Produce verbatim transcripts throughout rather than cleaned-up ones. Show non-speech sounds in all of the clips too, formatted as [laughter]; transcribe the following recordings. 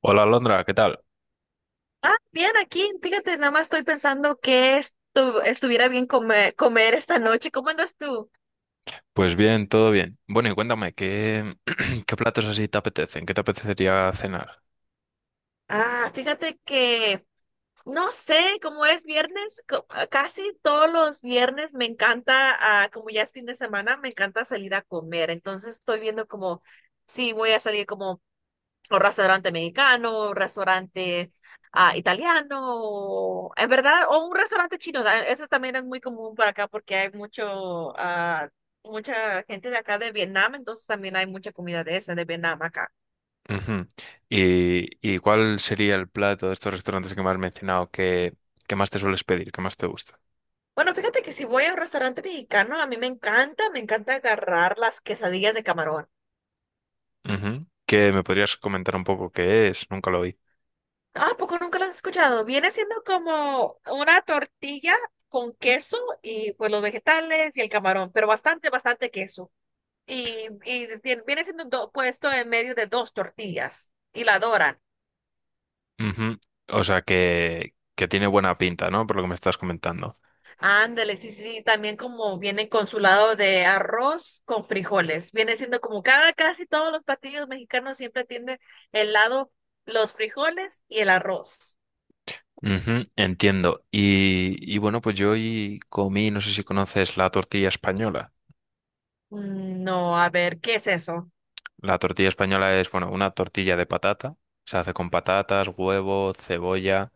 Hola Londra, ¿qué tal? Ah, bien, aquí, fíjate, nada más estoy pensando que estu- estuviera bien come- comer esta noche. ¿Cómo andas tú? Pues bien, todo bien. Bueno, y cuéntame, ¿qué, [clears throat] qué platos así te apetecen? ¿Qué te apetecería cenar? Ah, fíjate que, no sé, como es viernes, co- ah, casi todos los viernes me encanta, ah, como ya es fin de semana, me encanta salir a comer. Entonces estoy viendo como, sí, voy a salir como un restaurante mexicano, un restaurante ah, italiano, o- en verdad, o un restaurante chino. da- Eso también es muy común por acá porque hay mucho, ah, mucha gente de acá de Vietnam, entonces también hay mucha comida de esa, de Vietnam acá. Ujú. ¿Y, y cuál sería el plato de estos restaurantes que me has mencionado que, que más te sueles pedir, que más te gusta? Bueno, fíjate que si voy a un restaurante mexicano, a mí me encanta, me encanta agarrar las quesadillas de camarón. Ujú. ¿Qué me podrías comentar un poco qué es? Nunca lo vi. Ah, ¿a poco nunca las has escuchado? Viene siendo como una tortilla con queso y pues los vegetales y el camarón, pero bastante, bastante queso. y, y viene siendo do- puesto en medio de dos tortillas y la doran. Ujú. O sea, que, que tiene buena pinta, ¿no? Por lo que me estás comentando. Ándale, sí, sí, sí, también como viene con su lado de arroz con frijoles. Viene siendo como cada, casi todos los platillos mexicanos siempre tienen el lado, los frijoles y el arroz. Ujú, entiendo. Y, y bueno, pues yo hoy comí, no sé si conoces la tortilla española. Mm, no, a ver, ¿qué es eso? La tortilla española es, bueno, una tortilla de patata. Se hace con patatas, huevo, cebolla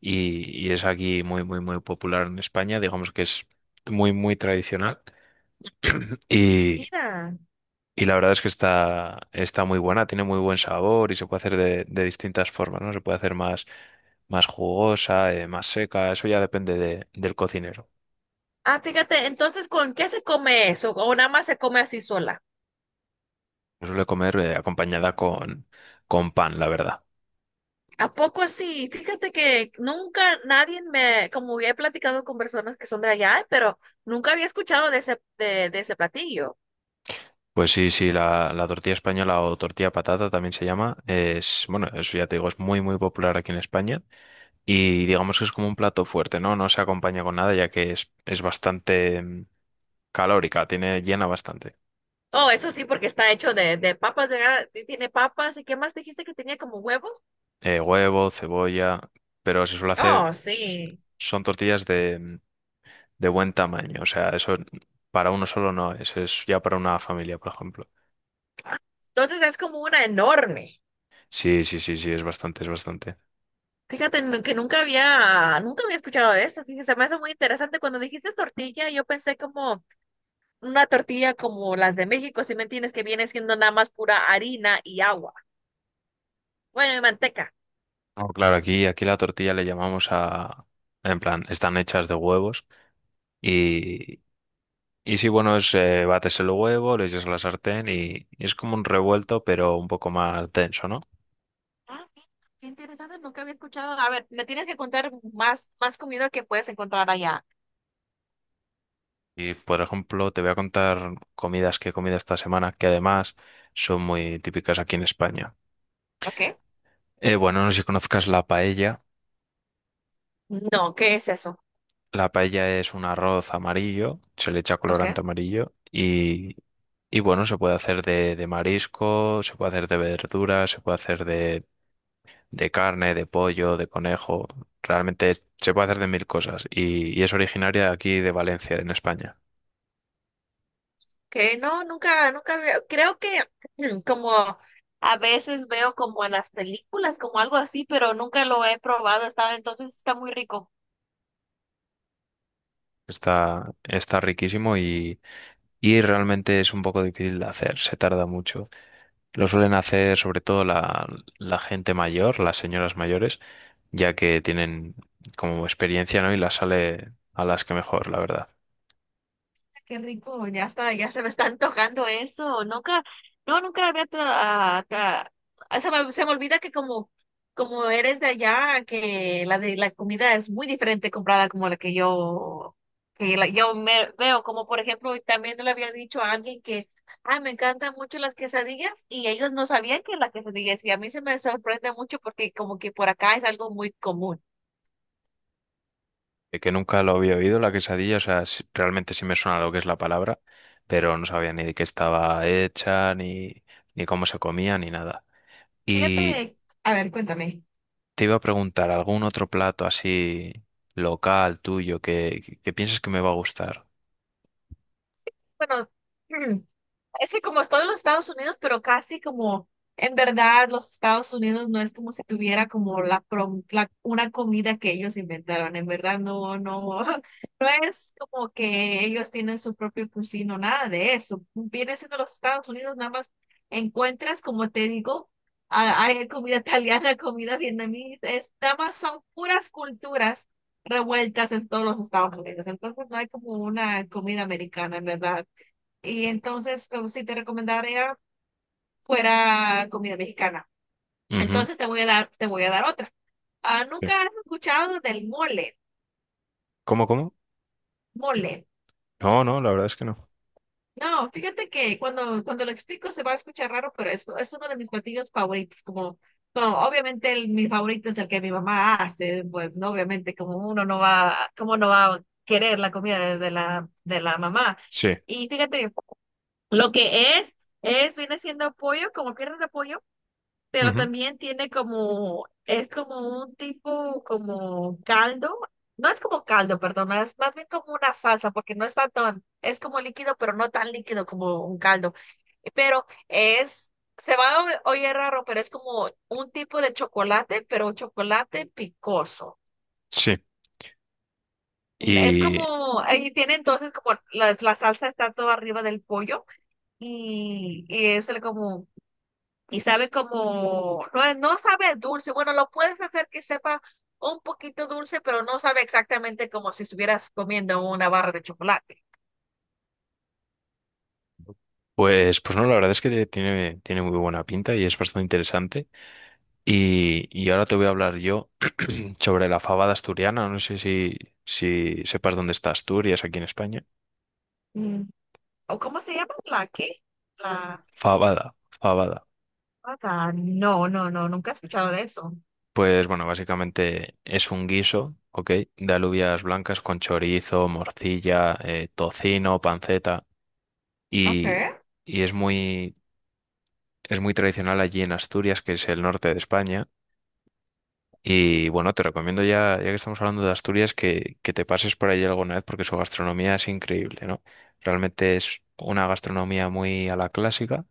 y, y es aquí muy, muy, muy popular en España. Digamos que es muy, muy tradicional. [clears throat] Y, Mira. y la verdad es que está, está muy buena, tiene muy buen sabor y se puede hacer de, de distintas formas, ¿no? Se puede hacer más, más jugosa, eh, más seca, eso ya depende de- del cocinero. Ah, fíjate, entonces, ¿con qué se come eso? ¿O nada más se come así sola? Se suele comer, eh, acompañada con, con pan, la verdad. ¿A poco así? Fíjate que nunca nadie me, como he platicado con personas que son de allá, pero nunca había escuchado de ese, de, de ese platillo. Pues sí, sí, la, la tortilla española o tortilla patata también se llama. Es, bueno, eso ya te digo, es muy, muy popular aquí en España. Y digamos que es como un plato fuerte, ¿no? No se acompaña con nada, ya que es, es bastante mm, calórica, tiene, llena bastante. Oh, eso sí, porque está hecho de, de papas, de, gra- y tiene papas, ¿y qué más dijiste que tenía como huevos? Eh, huevo, cebolla, pero se suele hacer, Oh, s- sí. son tortillas de, mm, de buen tamaño. O sea, eso para uno solo no es, es ya para una familia, por ejemplo. Ah, entonces es como una enorme. Sí, sí, sí, sí, es bastante, es bastante. Fíjate nu- que nunca había, nunca había escuchado de eso. Fíjese, me hace muy interesante. Cuando dijiste tortilla, yo pensé como una tortilla como las de México, si me entiendes, que viene siendo nada más pura harina y agua. Bueno, y manteca. No, claro, aquí, aquí la tortilla le llamamos a, en plan, están hechas de huevos y, y sí, bueno, es, eh, bates el huevo, le echas a la sartén y, y es como un revuelto, pero un poco más denso, ¿no? Ah, mira, qué interesante, nunca había escuchado. A ver, me tienes que contar más, más comida que puedes encontrar allá. Y, por ejemplo, te voy a contar comidas que he comido esta semana, que además son muy típicas aquí en España. ¿Ok? Eh, bueno, no sé si conozcas la paella. No, ¿qué es eso? La paella es un arroz amarillo, se le echa ¿Ok? colorante amarillo y, y bueno, se puede hacer de, de marisco, se puede hacer de verduras, se puede hacer de, de carne, de pollo, de conejo. Realmente se puede hacer de mil cosas y, y es originaria de aquí de Valencia, en España. Que no, nunca, nunca había, creo que [clears throat] como a veces veo como en las películas, como algo así, pero nunca lo he probado. Está, entonces está muy rico. Está, está riquísimo y, y realmente es un poco difícil de hacer, se tarda mucho. Lo suelen hacer sobre todo la, la gente mayor, las señoras mayores ya que tienen como experiencia, ¿no? Y la sale a las que mejor, la verdad. Qué rico, ya está, ya se me está antojando eso. Nunca, no, nunca había tra- ah, tra- ah, se me, se me olvida que como, como eres de allá, que la de la comida es muy diferente comprada como la que yo, que la- yo me veo, como por ejemplo, y también le había dicho a alguien que, ay, me encantan mucho las quesadillas, y ellos no sabían que las quesadillas, y a mí se me sorprende mucho porque como que por acá es algo muy común. Eh, Que nunca lo había oído, la quesadilla, o sea, sí- realmente sí me suena lo que es la palabra, pero no sabía ni de qué estaba hecha, ni, ni cómo se comía, ni nada. Y Fíjate, a ver, cuéntame. te iba a preguntar, ¿algún otro plato así local tuyo que, que, que pienses que me va a gustar? Bueno, [clears throat] es que como están en los Estados Unidos, pero casi como en verdad los Estados Unidos no es como si tuviera como la, pro- la- una comida que ellos inventaron. En verdad no, no, [laughs] no es como que ellos tienen su propio cocino, nada de eso. Viene siendo los Estados Unidos, nada más encuentras, como te digo, a- hay comida [laughs] italiana, comida vietnamita, es, nada más son puras culturas revueltas en todos los Estados Unidos. Entonces no hay como una comida americana, en verdad. Y entonces, como si te recomendaría fuera comida mexicana. Ujú. Entonces te voy a dar, te voy a dar otra. Ah, Sí. ¿nunca has escuchado del mole? ¿Cómo, cómo? Mole. No, no, la verdad es que no. No, fíjate que cuando, cuando lo explico se va a escuchar raro, pero es, es uno de mis platillos favoritos. Como, como obviamente el, mi favorito es el que mi mamá hace, pues no, obviamente como uno no va, como no va a querer la comida de, de la, de la mamá. Sí. Y fíjate, lo que es, es, viene siendo pollo, como piernas de pollo pero Ujú. también tiene como, es como un tipo como caldo, no es como caldo, perdón, no, es más bien como una salsa, porque no está tan, es como líquido, pero no tan líquido como un caldo, pero es, se va a oír raro, pero es como un tipo de chocolate, pero un chocolate picoso. Sí. Es como, ahí tiene entonces como la, la salsa está todo arriba del pollo y, y es el como como, no, es- no sabe dulce. Bueno, lo puedes hacer que sepa un poquito dulce, pero no sabe exactamente como si estuvieras comiendo una barra de chocolate. Pues, pues no, la verdad es que tiene, tiene muy buena pinta y es bastante interesante. Y, y ahora te voy a hablar yo [clears throat] sobre la fabada asturiana. No sé si, si sepas dónde está Asturias aquí en España. Mm, ¿o cómo se llama? ¿La qué? La Fabada, fabada. nata. No, no, no, nunca he escuchado de eso. Pues bueno, básicamente es un guiso, ¿ok? De alubias blancas con chorizo, morcilla, eh, tocino, panceta. Y, Okay. y es muy, es muy tradicional allí en Asturias, que es el norte de España. Y bueno, te recomiendo ya, ya que estamos hablando de Asturias, que, que te pases por allí alguna vez porque su gastronomía es increíble, ¿no? Realmente es una gastronomía muy a la clásica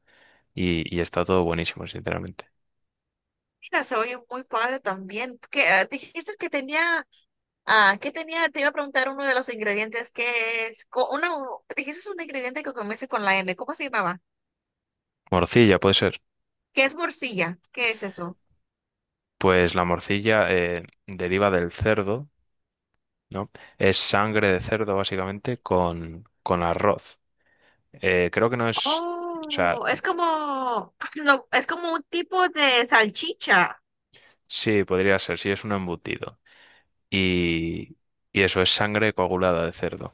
y, y está todo buenísimo, sinceramente. Mira, se oye muy padre también. ¿Qué, ah, dijiste que tenía, ah, que tenía, te iba a preguntar uno de los ingredientes que es, co- una, dijiste un ingrediente que comienza con la M, ¿cómo se llamaba? Morcilla, puede ser. ¿Qué es morcilla? ¿Qué es eso? Pues la morcilla eh, deriva del cerdo, ¿no? Es sangre de cerdo, básicamente, con, con arroz. Eh, creo que no es, o sea, Oh, es como, [clears throat] no, es como un tipo de salchicha. sí, podría ser, sí es un embutido. Y, y eso es sangre coagulada de cerdo.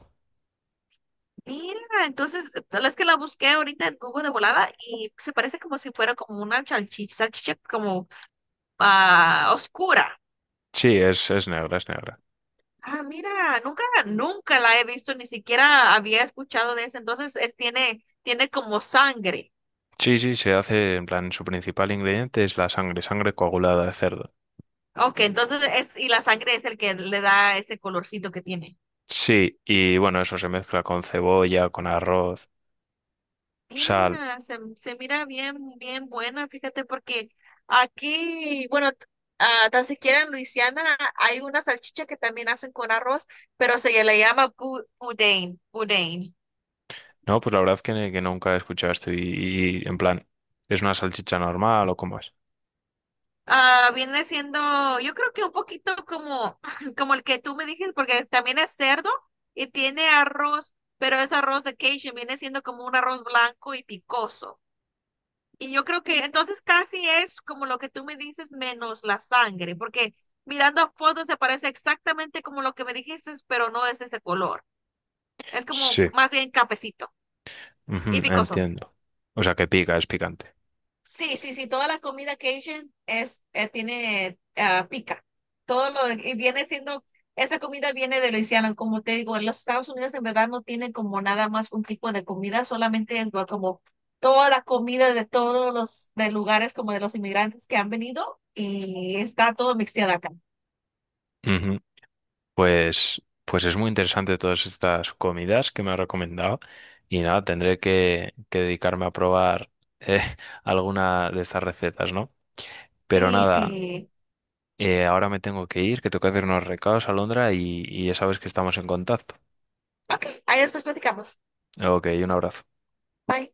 Mira, entonces, tal es que la busqué ahorita en Google de volada y se parece como si fuera como una salchicha, salchicha como ah, oscura. Sí, es, es negra, es negra. Ah, mira, nunca, nunca la he visto, ni siquiera había escuchado de eso. Entonces, es, tiene, tiene como sangre. Sí, sí, se hace en plan, su principal ingrediente es la sangre, sangre coagulada de cerdo. Ok, entonces es, y la sangre es el que le da ese colorcito que tiene. Sí, y bueno, eso se mezcla con cebolla, con arroz, sal. Mira, se, se mira bien, bien buena, fíjate, porque aquí, bueno, t- ah, tan siquiera en Luisiana hay una salchicha que también hacen con arroz, pero se le llama bu- boudin, boudin. No, pues la verdad que, que nunca he escuchado esto y, y, en plan, ¿es una salchicha normal o cómo es? Ah, viene siendo, yo creo que un poquito como, [clears throat] como el que tú me dijiste, porque también es cerdo y tiene arroz, pero es arroz de Cajun, viene siendo como un arroz blanco y picoso. Y yo creo que entonces casi es como lo que tú me dices menos la sangre, porque mirando fotos se parece exactamente como lo que me dijiste, pero no es ese color. Es como Sí, más bien cafecito ujú, y picoso. entiendo. O sea, que pica, es picante. Sí, sí, sí, toda la comida Cajun es, eh, tiene ah, pica. Todo lo y viene siendo, esa comida viene de Luisiana, como te digo, en los Estados Unidos en verdad no tienen como nada más un tipo de comida, solamente es lo- como toda la comida de todos los de lugares como de los inmigrantes que han venido y está todo mixteado acá. Ujú. Pues, pues es muy interesante todas estas comidas que me ha recomendado y nada, tendré que, que dedicarme a probar eh, [laughs] alguna de estas recetas, ¿no? Pero Sí, nada. sí. Eh, ahora me tengo que ir, que tengo que hacer unos recados a Londra y, y ya sabes que estamos en contacto. Ok, ahí después platicamos. Ok, un abrazo. Bye.